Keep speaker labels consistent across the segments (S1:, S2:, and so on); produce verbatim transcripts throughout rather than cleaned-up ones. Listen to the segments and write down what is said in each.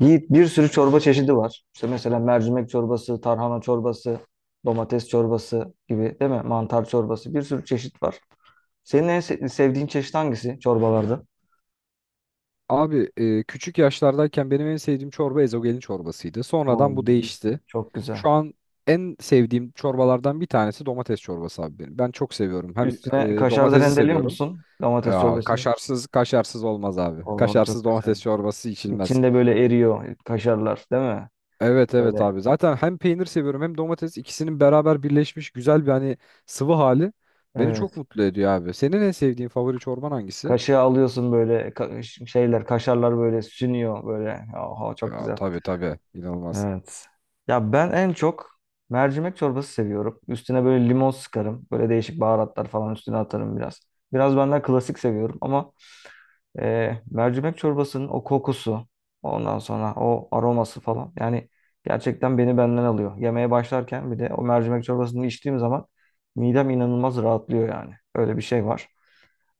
S1: Yiğit bir sürü çorba çeşidi var. İşte mesela mercimek çorbası, tarhana çorbası, domates çorbası gibi değil mi? Mantar çorbası bir sürü çeşit var. Senin en se- sevdiğin çeşit hangisi çorbalarda?
S2: Abi e, küçük yaşlardayken benim en sevdiğim çorba ezogelin çorbasıydı.
S1: Oo,
S2: Sonradan bu değişti.
S1: çok
S2: Şu
S1: güzel.
S2: an en sevdiğim çorbalardan bir tanesi domates çorbası abi benim. Ben çok seviyorum. Hem
S1: Üstüne
S2: e,
S1: kaşar da
S2: domatesi
S1: rendeliyor
S2: seviyorum.
S1: musun domates
S2: Aa,
S1: çorbasını?
S2: kaşarsız kaşarsız olmaz abi.
S1: Oo,
S2: Kaşarsız
S1: çok güzel.
S2: domates çorbası içilmez.
S1: İçinde böyle eriyor kaşarlar değil mi?
S2: Evet evet
S1: Böyle,
S2: abi. Zaten hem peynir seviyorum hem domates ikisinin beraber birleşmiş güzel bir hani sıvı hali beni çok
S1: evet.
S2: mutlu ediyor abi. Senin en sevdiğin favori çorban hangisi?
S1: Kaşığı alıyorsun böyle ka- şeyler, kaşarlar böyle sünüyor böyle. Oha, çok
S2: Aa,
S1: güzel.
S2: tabii tabii. İnanılmaz.
S1: Evet. Ya ben en çok mercimek çorbası seviyorum. Üstüne böyle limon sıkarım. Böyle değişik baharatlar falan üstüne atarım biraz. Biraz ben daha klasik seviyorum ama e, mercimek çorbasının o kokusu, ondan sonra o aroması falan. Yani gerçekten beni benden alıyor. Yemeğe başlarken bir de o mercimek çorbasını içtiğim zaman midem inanılmaz rahatlıyor yani. Öyle bir şey var.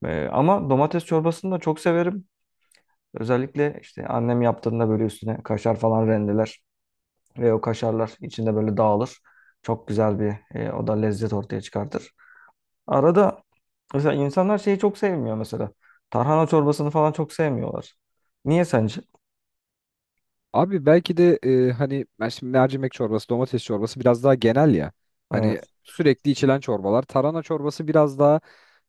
S1: E, ama domates çorbasını da çok severim. Özellikle işte annem yaptığında böyle üstüne kaşar falan rendeler. Ve o kaşarlar içinde böyle dağılır. Çok güzel bir. E, o da lezzet ortaya çıkartır. Arada mesela insanlar şeyi çok sevmiyor mesela. Tarhana çorbasını falan çok sevmiyorlar. Niye sence?
S2: Abi belki de e, hani ben şimdi mercimek çorbası, domates çorbası biraz daha genel ya. Hani
S1: Evet.
S2: sürekli içilen çorbalar. Tarhana çorbası biraz daha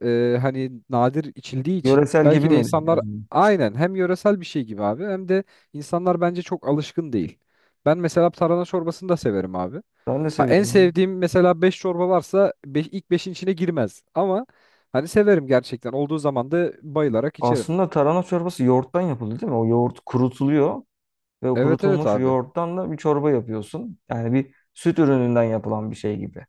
S2: e, hani nadir içildiği için
S1: Yöresel gibi
S2: belki de
S1: mi?
S2: insanlar
S1: Yani
S2: aynen hem yöresel bir şey gibi abi hem de insanlar bence çok alışkın değil. Ben mesela tarhana çorbasını da severim abi.
S1: ben de
S2: Ha, en
S1: seviyorum.
S2: sevdiğim mesela beş çorba varsa beş, ilk beşin içine girmez. Ama hani severim gerçekten. Olduğu zaman da bayılarak içerim.
S1: Aslında tarhana çorbası yoğurttan yapıldı değil mi? O yoğurt kurutuluyor ve o
S2: Evet evet
S1: kurutulmuş
S2: abi.
S1: yoğurttan da bir çorba yapıyorsun. Yani bir süt ürününden yapılan bir şey gibi.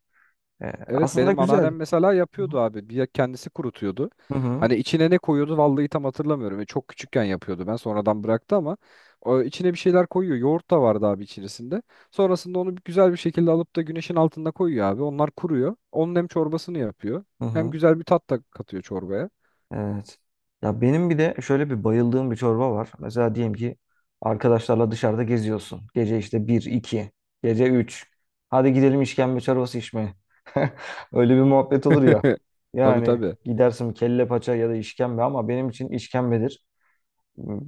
S1: E,
S2: Evet
S1: aslında
S2: benim
S1: güzel.
S2: anneannem mesela
S1: Hı
S2: yapıyordu abi. Bir kendisi kurutuyordu.
S1: hı. Hı hı.
S2: Hani içine ne koyuyordu vallahi tam hatırlamıyorum. E, çok küçükken yapıyordu ben sonradan bıraktı ama o içine bir şeyler koyuyor. Yoğurt da vardı abi içerisinde. Sonrasında onu güzel bir şekilde alıp da güneşin altında koyuyor abi. Onlar kuruyor. Onun hem çorbasını yapıyor
S1: Hı
S2: hem
S1: hı.
S2: güzel bir tat da katıyor çorbaya.
S1: Evet. Ya benim bir de şöyle bir bayıldığım bir çorba var. Mesela diyelim ki arkadaşlarla dışarıda geziyorsun. Gece işte bir, iki, gece üç. Hadi gidelim işkembe çorbası içmeye. Öyle bir muhabbet olur ya.
S2: Tabii
S1: Yani
S2: tabii.
S1: gidersin kelle paça ya da işkembe ama benim için işkembedir.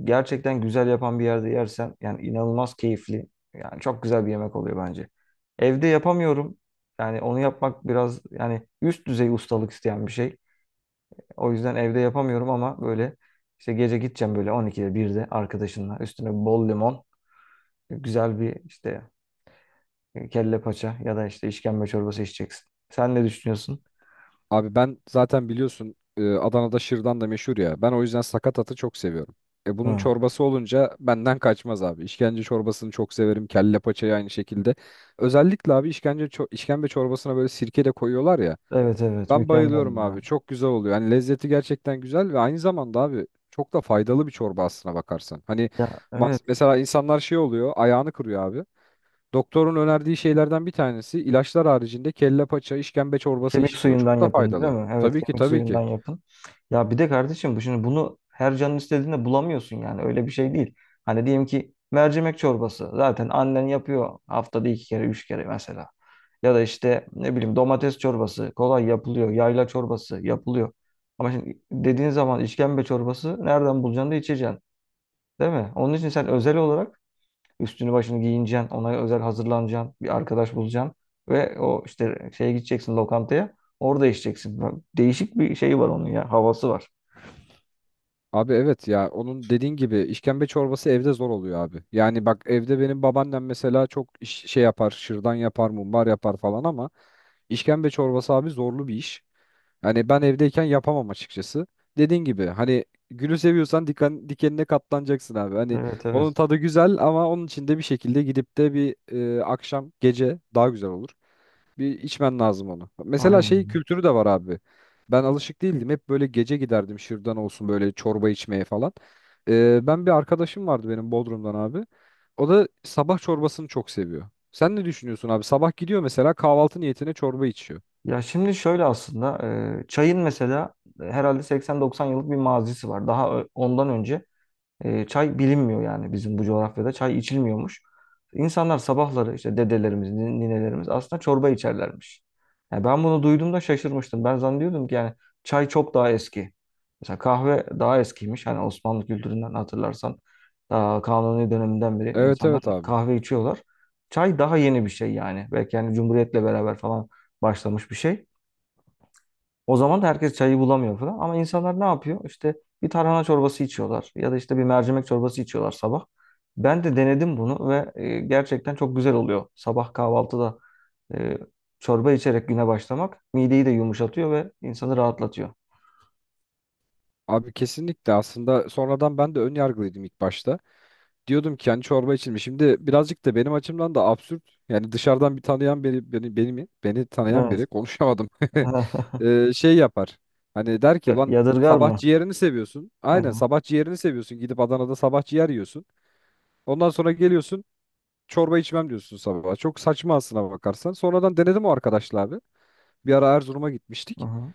S1: Gerçekten güzel yapan bir yerde yersen yani inanılmaz keyifli. Yani çok güzel bir yemek oluyor bence. Evde yapamıyorum. Yani onu yapmak biraz yani üst düzey ustalık isteyen bir şey. O yüzden evde yapamıyorum ama böyle işte gece gideceğim böyle on ikide birde arkadaşınla üstüne bol limon, güzel bir işte e, kelle paça ya da işte işkembe çorbası içeceksin. Sen ne düşünüyorsun?
S2: Abi ben zaten biliyorsun e, Adana'da şırdan da meşhur ya. Ben o yüzden sakatatı çok seviyorum. E bunun
S1: Hı.
S2: çorbası olunca benden kaçmaz abi. İşkence çorbasını çok severim. Kelle paçayı aynı şekilde. Özellikle abi işkence ço- işkembe çorbasına böyle sirke de koyuyorlar ya.
S1: Evet, evet,
S2: Ben
S1: mükemmel
S2: bayılıyorum
S1: bunlar.
S2: abi. Çok güzel oluyor. Hani lezzeti gerçekten güzel ve aynı zamanda abi çok da faydalı bir çorba aslına bakarsan. Hani
S1: Ya, evet.
S2: mas- mesela insanlar şey oluyor, ayağını kırıyor abi. Doktorun önerdiği şeylerden bir tanesi ilaçlar haricinde kelle paça, işkembe çorbası
S1: Kemik
S2: iç diyor.
S1: suyundan
S2: Çok da
S1: yapın değil
S2: faydalı.
S1: mi? Evet,
S2: Tabii ki
S1: kemik
S2: tabii
S1: suyundan
S2: ki.
S1: yapın. Ya bir de kardeşim bu şimdi bunu her canın istediğinde bulamıyorsun yani öyle bir şey değil. Hani diyelim ki mercimek çorbası zaten annen yapıyor haftada iki kere üç kere mesela. Ya da işte ne bileyim domates çorbası kolay yapılıyor. Yayla çorbası yapılıyor. Ama şimdi dediğin zaman işkembe çorbası nereden bulacaksın da içeceksin değil mi? Onun için sen özel olarak üstünü başını giyineceksin. Ona özel hazırlanacaksın. Bir arkadaş bulacaksın. Ve o işte şeye gideceksin, lokantaya. Orada içeceksin. Bak, değişik bir şey var onun ya. Havası var.
S2: Abi evet ya onun dediğin gibi işkembe çorbası evde zor oluyor abi. Yani bak evde benim babaannem mesela çok iş- şey yapar, şırdan yapar, mumbar yapar falan ama işkembe çorbası abi zorlu bir iş. Hani ben evdeyken yapamam açıkçası. Dediğin gibi hani gülü seviyorsan diken, dikenine katlanacaksın abi. Hani
S1: Evet,
S2: onun
S1: evet.
S2: tadı güzel ama onun için de bir şekilde gidip de bir e, akşam gece daha güzel olur. Bir içmen lazım onu. Mesela şey
S1: Aynen.
S2: kültürü de var abi. Ben alışık değildim. Hep böyle gece giderdim şırdan olsun böyle çorba içmeye falan. Ee, ben bir arkadaşım vardı benim Bodrum'dan abi. O da sabah çorbasını çok seviyor. Sen ne düşünüyorsun abi? Sabah gidiyor mesela kahvaltı niyetine çorba içiyor.
S1: Ya şimdi şöyle aslında e, çayın mesela herhalde seksen doksan yıllık bir mazisi var. Daha ö- ondan önce E, çay bilinmiyor yani bizim bu coğrafyada. Çay içilmiyormuş. İnsanlar sabahları işte dedelerimiz, nin- ninelerimiz aslında çorba içerlermiş. Yani ben bunu duyduğumda şaşırmıştım. Ben zannediyordum ki yani çay çok daha eski. Mesela kahve daha eskiymiş. Hani Osmanlı kültüründen hatırlarsan daha Kanuni döneminden beri
S2: Evet
S1: insanlar
S2: evet abi.
S1: kahve içiyorlar. Çay daha yeni bir şey yani. Belki yani Cumhuriyet'le beraber falan başlamış bir şey. O zaman da herkes çayı bulamıyor falan. Ama insanlar ne yapıyor? İşte bir tarhana çorbası içiyorlar ya da işte bir mercimek çorbası içiyorlar sabah. Ben de denedim bunu ve e, gerçekten çok güzel oluyor. Sabah kahvaltıda e, çorba içerek güne başlamak mideyi de yumuşatıyor ve insanı rahatlatıyor.
S2: Abi kesinlikle, aslında sonradan ben de ön yargılıydım ilk başta. Diyordum ki hani çorba içilmiş. Şimdi birazcık da benim açımdan da absürt. Yani dışarıdan bir tanıyan biri beni beni mi? Beni tanıyan
S1: Evet.
S2: biri konuşamadım. Ee, şey yapar. Hani der ki lan
S1: Yadırgar
S2: sabah
S1: mı?
S2: ciğerini seviyorsun.
S1: Hı hı.
S2: Aynen sabah ciğerini seviyorsun. Gidip Adana'da sabah ciğer yiyorsun. Ondan sonra geliyorsun çorba içmem diyorsun sabah. Çok saçma aslına bakarsan. Sonradan denedim o arkadaşla abi. Bir ara Erzurum'a
S1: Hı
S2: gitmiştik.
S1: hı.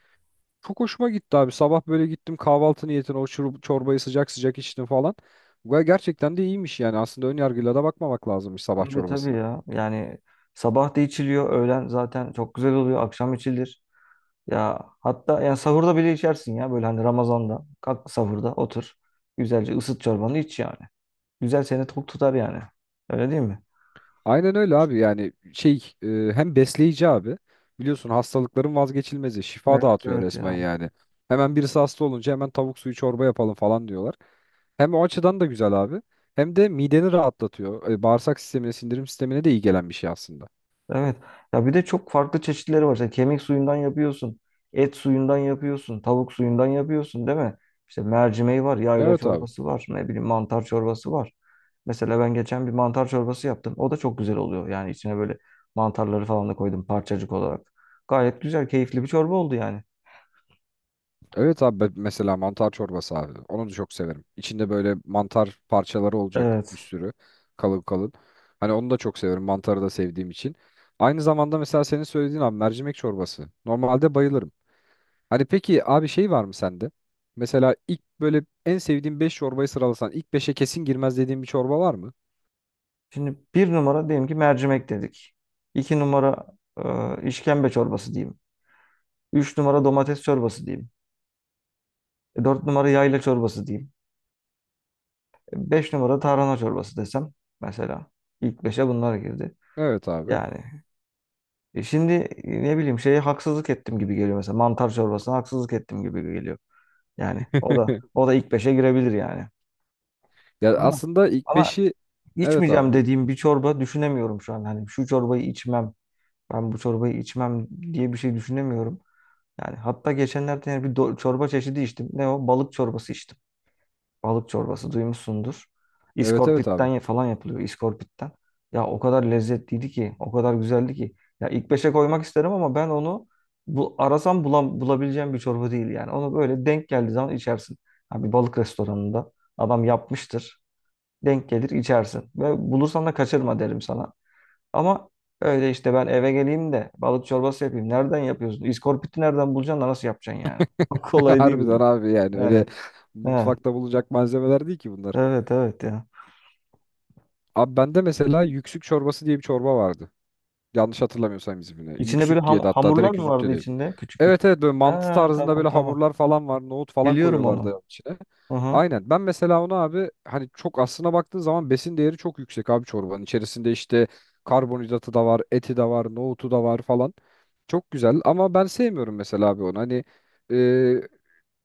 S2: Çok hoşuma gitti abi. Sabah böyle gittim kahvaltı niyetine o şurup, çorbayı sıcak sıcak içtim falan. Ve gerçekten de iyiymiş yani. Aslında ön yargıyla da bakmamak lazımmış sabah
S1: Tabii, tabii
S2: çorbasına.
S1: ya. Yani sabah da içiliyor, öğlen zaten çok güzel oluyor, akşam içilir. Ya hatta ya sahurda bile içersin ya böyle hani Ramazan'da. Kalk sahurda otur. Güzelce ısıt çorbanı iç yani. Güzel seni tok tutar yani. Öyle değil mi?
S2: Aynen öyle abi, yani şey, e, hem besleyici abi. Biliyorsun hastalıkların vazgeçilmezi. Şifa
S1: Evet,
S2: dağıtıyor
S1: evet
S2: resmen
S1: ya.
S2: yani. Hemen birisi hasta olunca hemen tavuk suyu çorba yapalım falan diyorlar. Hem o açıdan da güzel abi. Hem de mideni rahatlatıyor. E, bağırsak sistemine, sindirim sistemine de iyi gelen bir şey aslında.
S1: Evet. Ya bir de çok farklı çeşitleri var. İşte kemik suyundan yapıyorsun. Et suyundan yapıyorsun. Tavuk suyundan yapıyorsun değil mi? İşte mercimeği var. Yayla
S2: Evet abi.
S1: çorbası var. Ne bileyim mantar çorbası var. Mesela ben geçen bir mantar çorbası yaptım. O da çok güzel oluyor. Yani içine böyle mantarları falan da koydum parçacık olarak. Gayet güzel, keyifli bir çorba oldu yani.
S2: Evet abi ben- mesela mantar çorbası abi. Onu da çok severim. İçinde böyle mantar parçaları olacak bir
S1: Evet.
S2: sürü kalın kalın. Hani onu da çok severim. Mantarı da sevdiğim için. Aynı zamanda mesela senin söylediğin abi mercimek çorbası. Normalde bayılırım. Hani peki abi şey var mı sende? Mesela ilk böyle en sevdiğin beş çorbayı sıralasan ilk beşe kesin girmez dediğin bir çorba var mı?
S1: Şimdi bir numara diyelim ki mercimek dedik. İki numara e, işkembe çorbası diyeyim. Üç numara domates çorbası diyeyim. E, Dört numara yayla çorbası diyeyim. E, Beş numara tarhana çorbası desem mesela. İlk beşe bunlar girdi.
S2: Evet abi.
S1: Yani e, şimdi e, ne bileyim şeye haksızlık ettim gibi geliyor mesela. Mantar çorbasına haksızlık ettim gibi geliyor. Yani o da o da ilk beşe girebilir yani.
S2: Ya
S1: Ama
S2: aslında ilk
S1: ama
S2: beşi evet abi
S1: içmeyeceğim
S2: buyur.
S1: dediğim bir çorba düşünemiyorum şu an. Hani şu çorbayı içmem, ben bu çorbayı içmem diye bir şey düşünemiyorum. Yani hatta geçenlerde yani bir do- çorba çeşidi içtim. Ne o? Balık çorbası içtim. Balık çorbası duymuşsundur.
S2: Evet evet
S1: İskorpitten
S2: abi.
S1: ya- falan yapılıyor. İskorpitten. Ya o kadar lezzetliydi ki, o kadar güzeldi ki. Ya ilk beşe koymak isterim ama ben onu bu arasam bulam bulabileceğim bir çorba değil yani. Onu böyle denk geldiği zaman içersin. Ha, bir balık restoranında adam yapmıştır. Denk gelir içersin. Ve bulursan da kaçırma derim sana. Ama öyle işte ben eve geleyim de balık çorbası yapayım. Nereden yapıyorsun? İskorpiti nereden bulacaksın da nasıl yapacaksın yani? Kolay değil
S2: Harbiden
S1: yani.
S2: abi yani öyle
S1: Yani. Ha,
S2: mutfakta bulacak malzemeler değil ki bunlar.
S1: evet, evet ya.
S2: Abi bende mesela yüksük çorbası diye bir çorba vardı. Yanlış hatırlamıyorsam ismini.
S1: İçinde böyle
S2: Yüksük diye de
S1: ham-
S2: hatta,
S1: hamurlar
S2: direkt
S1: mı
S2: yüzük de
S1: vardı
S2: değil.
S1: içinde? Küçük
S2: Evet
S1: küçük.
S2: evet böyle mantı
S1: Ha,
S2: tarzında
S1: tamam,
S2: böyle
S1: tamam.
S2: hamurlar falan var. Nohut falan
S1: Biliyorum onu.
S2: koyuyorlardı içine.
S1: Hı hı.
S2: Aynen. Ben mesela onu abi hani, çok aslına baktığın zaman besin değeri çok yüksek abi çorbanın. İçerisinde işte karbonhidratı da var, eti de var, nohutu da var falan. Çok güzel ama ben sevmiyorum mesela abi onu. Hani e,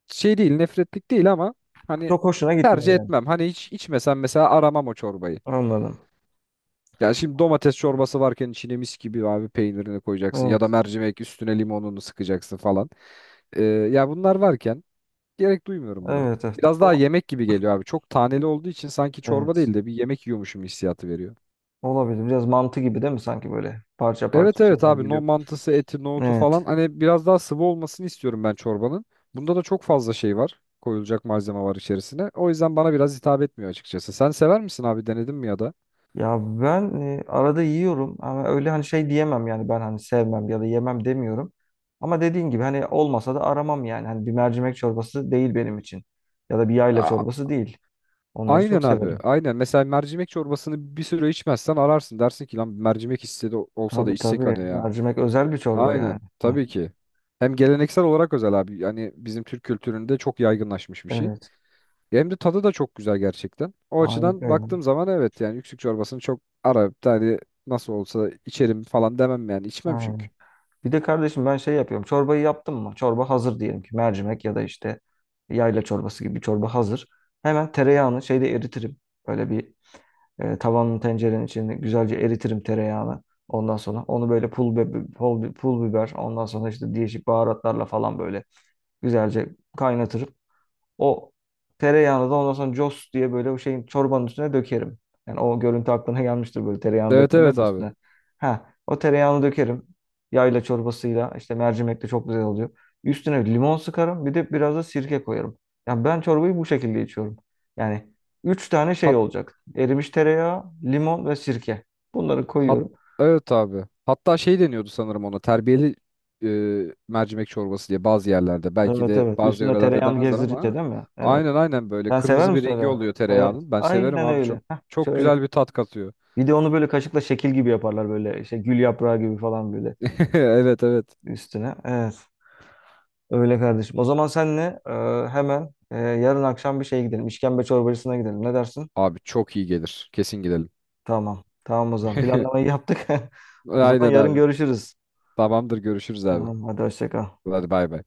S2: şey değil, nefretlik değil ama hani
S1: Çok hoşuna
S2: tercih
S1: gitmiyor yani.
S2: etmem. Hani hiç içmesem mesela aramam o çorbayı.
S1: Anladım.
S2: Yani şimdi domates çorbası varken içine mis gibi abi peynirini koyacaksın ya da
S1: Evet.
S2: mercimek üstüne limonunu sıkacaksın falan. Ee, ya bunlar varken gerek duymuyorum buna.
S1: Evet, evet.
S2: Biraz
S1: Ama,
S2: daha yemek gibi geliyor abi. Çok taneli olduğu için sanki çorba
S1: evet.
S2: değil de bir yemek yiyormuşum hissiyatı veriyor.
S1: Olabilir. Biraz mantı gibi değil mi? Sanki böyle parça
S2: Evet
S1: parça
S2: evet
S1: şeyler
S2: abi, no
S1: geliyor.
S2: mantısı, eti, nohutu falan,
S1: Evet.
S2: hani biraz daha sıvı olmasını istiyorum ben çorbanın. Bunda da çok fazla şey var. Koyulacak malzeme var içerisine. O yüzden bana biraz hitap etmiyor açıkçası. Sen sever misin abi, denedin mi ya da?
S1: Ya ben e, arada yiyorum ama öyle hani şey diyemem yani ben hani sevmem ya da yemem demiyorum. Ama dediğin gibi hani olmasa da aramam yani. Hani bir mercimek çorbası değil benim için. Ya da bir yayla
S2: Aa,
S1: çorbası değil. Onları
S2: aynen
S1: çok
S2: abi.
S1: severim.
S2: Aynen. Mesela mercimek çorbasını bir süre içmezsen ararsın. Dersin ki lan mercimek hisse de olsa da
S1: Tabii,
S2: içsek
S1: tabii.
S2: hani ya.
S1: Mercimek özel bir çorba
S2: Aynen.
S1: yani. Hı.
S2: Tabii ki. Hem geleneksel olarak özel abi. Yani bizim Türk kültüründe çok yaygınlaşmış bir şey.
S1: Evet.
S2: Hem de tadı da çok güzel gerçekten. O açıdan
S1: Harikaydı.
S2: baktığım zaman evet yani yüksük çorbasını çok ara. Yani nasıl olsa içerim falan demem yani. İçmem çünkü.
S1: Aynen. Bir de kardeşim ben şey yapıyorum. Çorbayı yaptım mı? Çorba hazır diyelim ki mercimek ya da işte yayla çorbası gibi bir çorba hazır. Hemen tereyağını şeyde eritirim. Böyle bir. E, tavanın tencerenin içinde güzelce eritirim tereyağını. Ondan sonra onu böyle pul, be, pul, pul biber, ondan sonra işte değişik baharatlarla falan böyle güzelce kaynatırım. O tereyağını da ondan sonra cos diye böyle o şeyin çorbanın üstüne dökerim. Yani o görüntü aklına gelmiştir böyle tereyağını
S2: Evet
S1: dökerler
S2: evet
S1: ya
S2: abi.
S1: üstüne. Ha, o tereyağını dökerim. Yayla çorbasıyla işte mercimek de çok güzel oluyor. Üstüne limon sıkarım bir de biraz da sirke koyarım. Yani ben çorbayı bu şekilde içiyorum. Yani üç tane şey olacak. Erimiş tereyağı, limon ve sirke. Bunları
S2: Hat
S1: koyuyorum.
S2: evet abi. Hatta şey deniyordu sanırım ona terbiyeli e, mercimek çorbası diye bazı yerlerde. Belki
S1: Evet,
S2: de
S1: evet.
S2: bazı
S1: Üstüne
S2: yörelerde
S1: tereyağını
S2: demezler
S1: gezdirince
S2: ama
S1: değil mi? Evet.
S2: aynen aynen böyle
S1: Sen sever
S2: kırmızı bir
S1: misin
S2: rengi
S1: öyle?
S2: oluyor
S1: Evet.
S2: tereyağının. Ben severim
S1: Aynen
S2: abi, çok
S1: öyle. Heh,
S2: çok
S1: şöyle.
S2: güzel bir tat katıyor.
S1: Bir de onu böyle kaşıkla şekil gibi yaparlar, böyle işte gül yaprağı gibi falan böyle
S2: Evet evet.
S1: üstüne. Evet. Öyle kardeşim. O zaman senle e, hemen e, yarın akşam bir şeye gidelim. İşkembe çorbacısına gidelim. Ne dersin?
S2: Abi çok iyi gelir. Kesin gidelim.
S1: Tamam. Tamam o zaman. Planlamayı yaptık. O zaman
S2: Aynen
S1: yarın
S2: abi.
S1: görüşürüz.
S2: Tamamdır, görüşürüz abi.
S1: Tamam. Hadi hoşça kal.
S2: Hadi bay bay.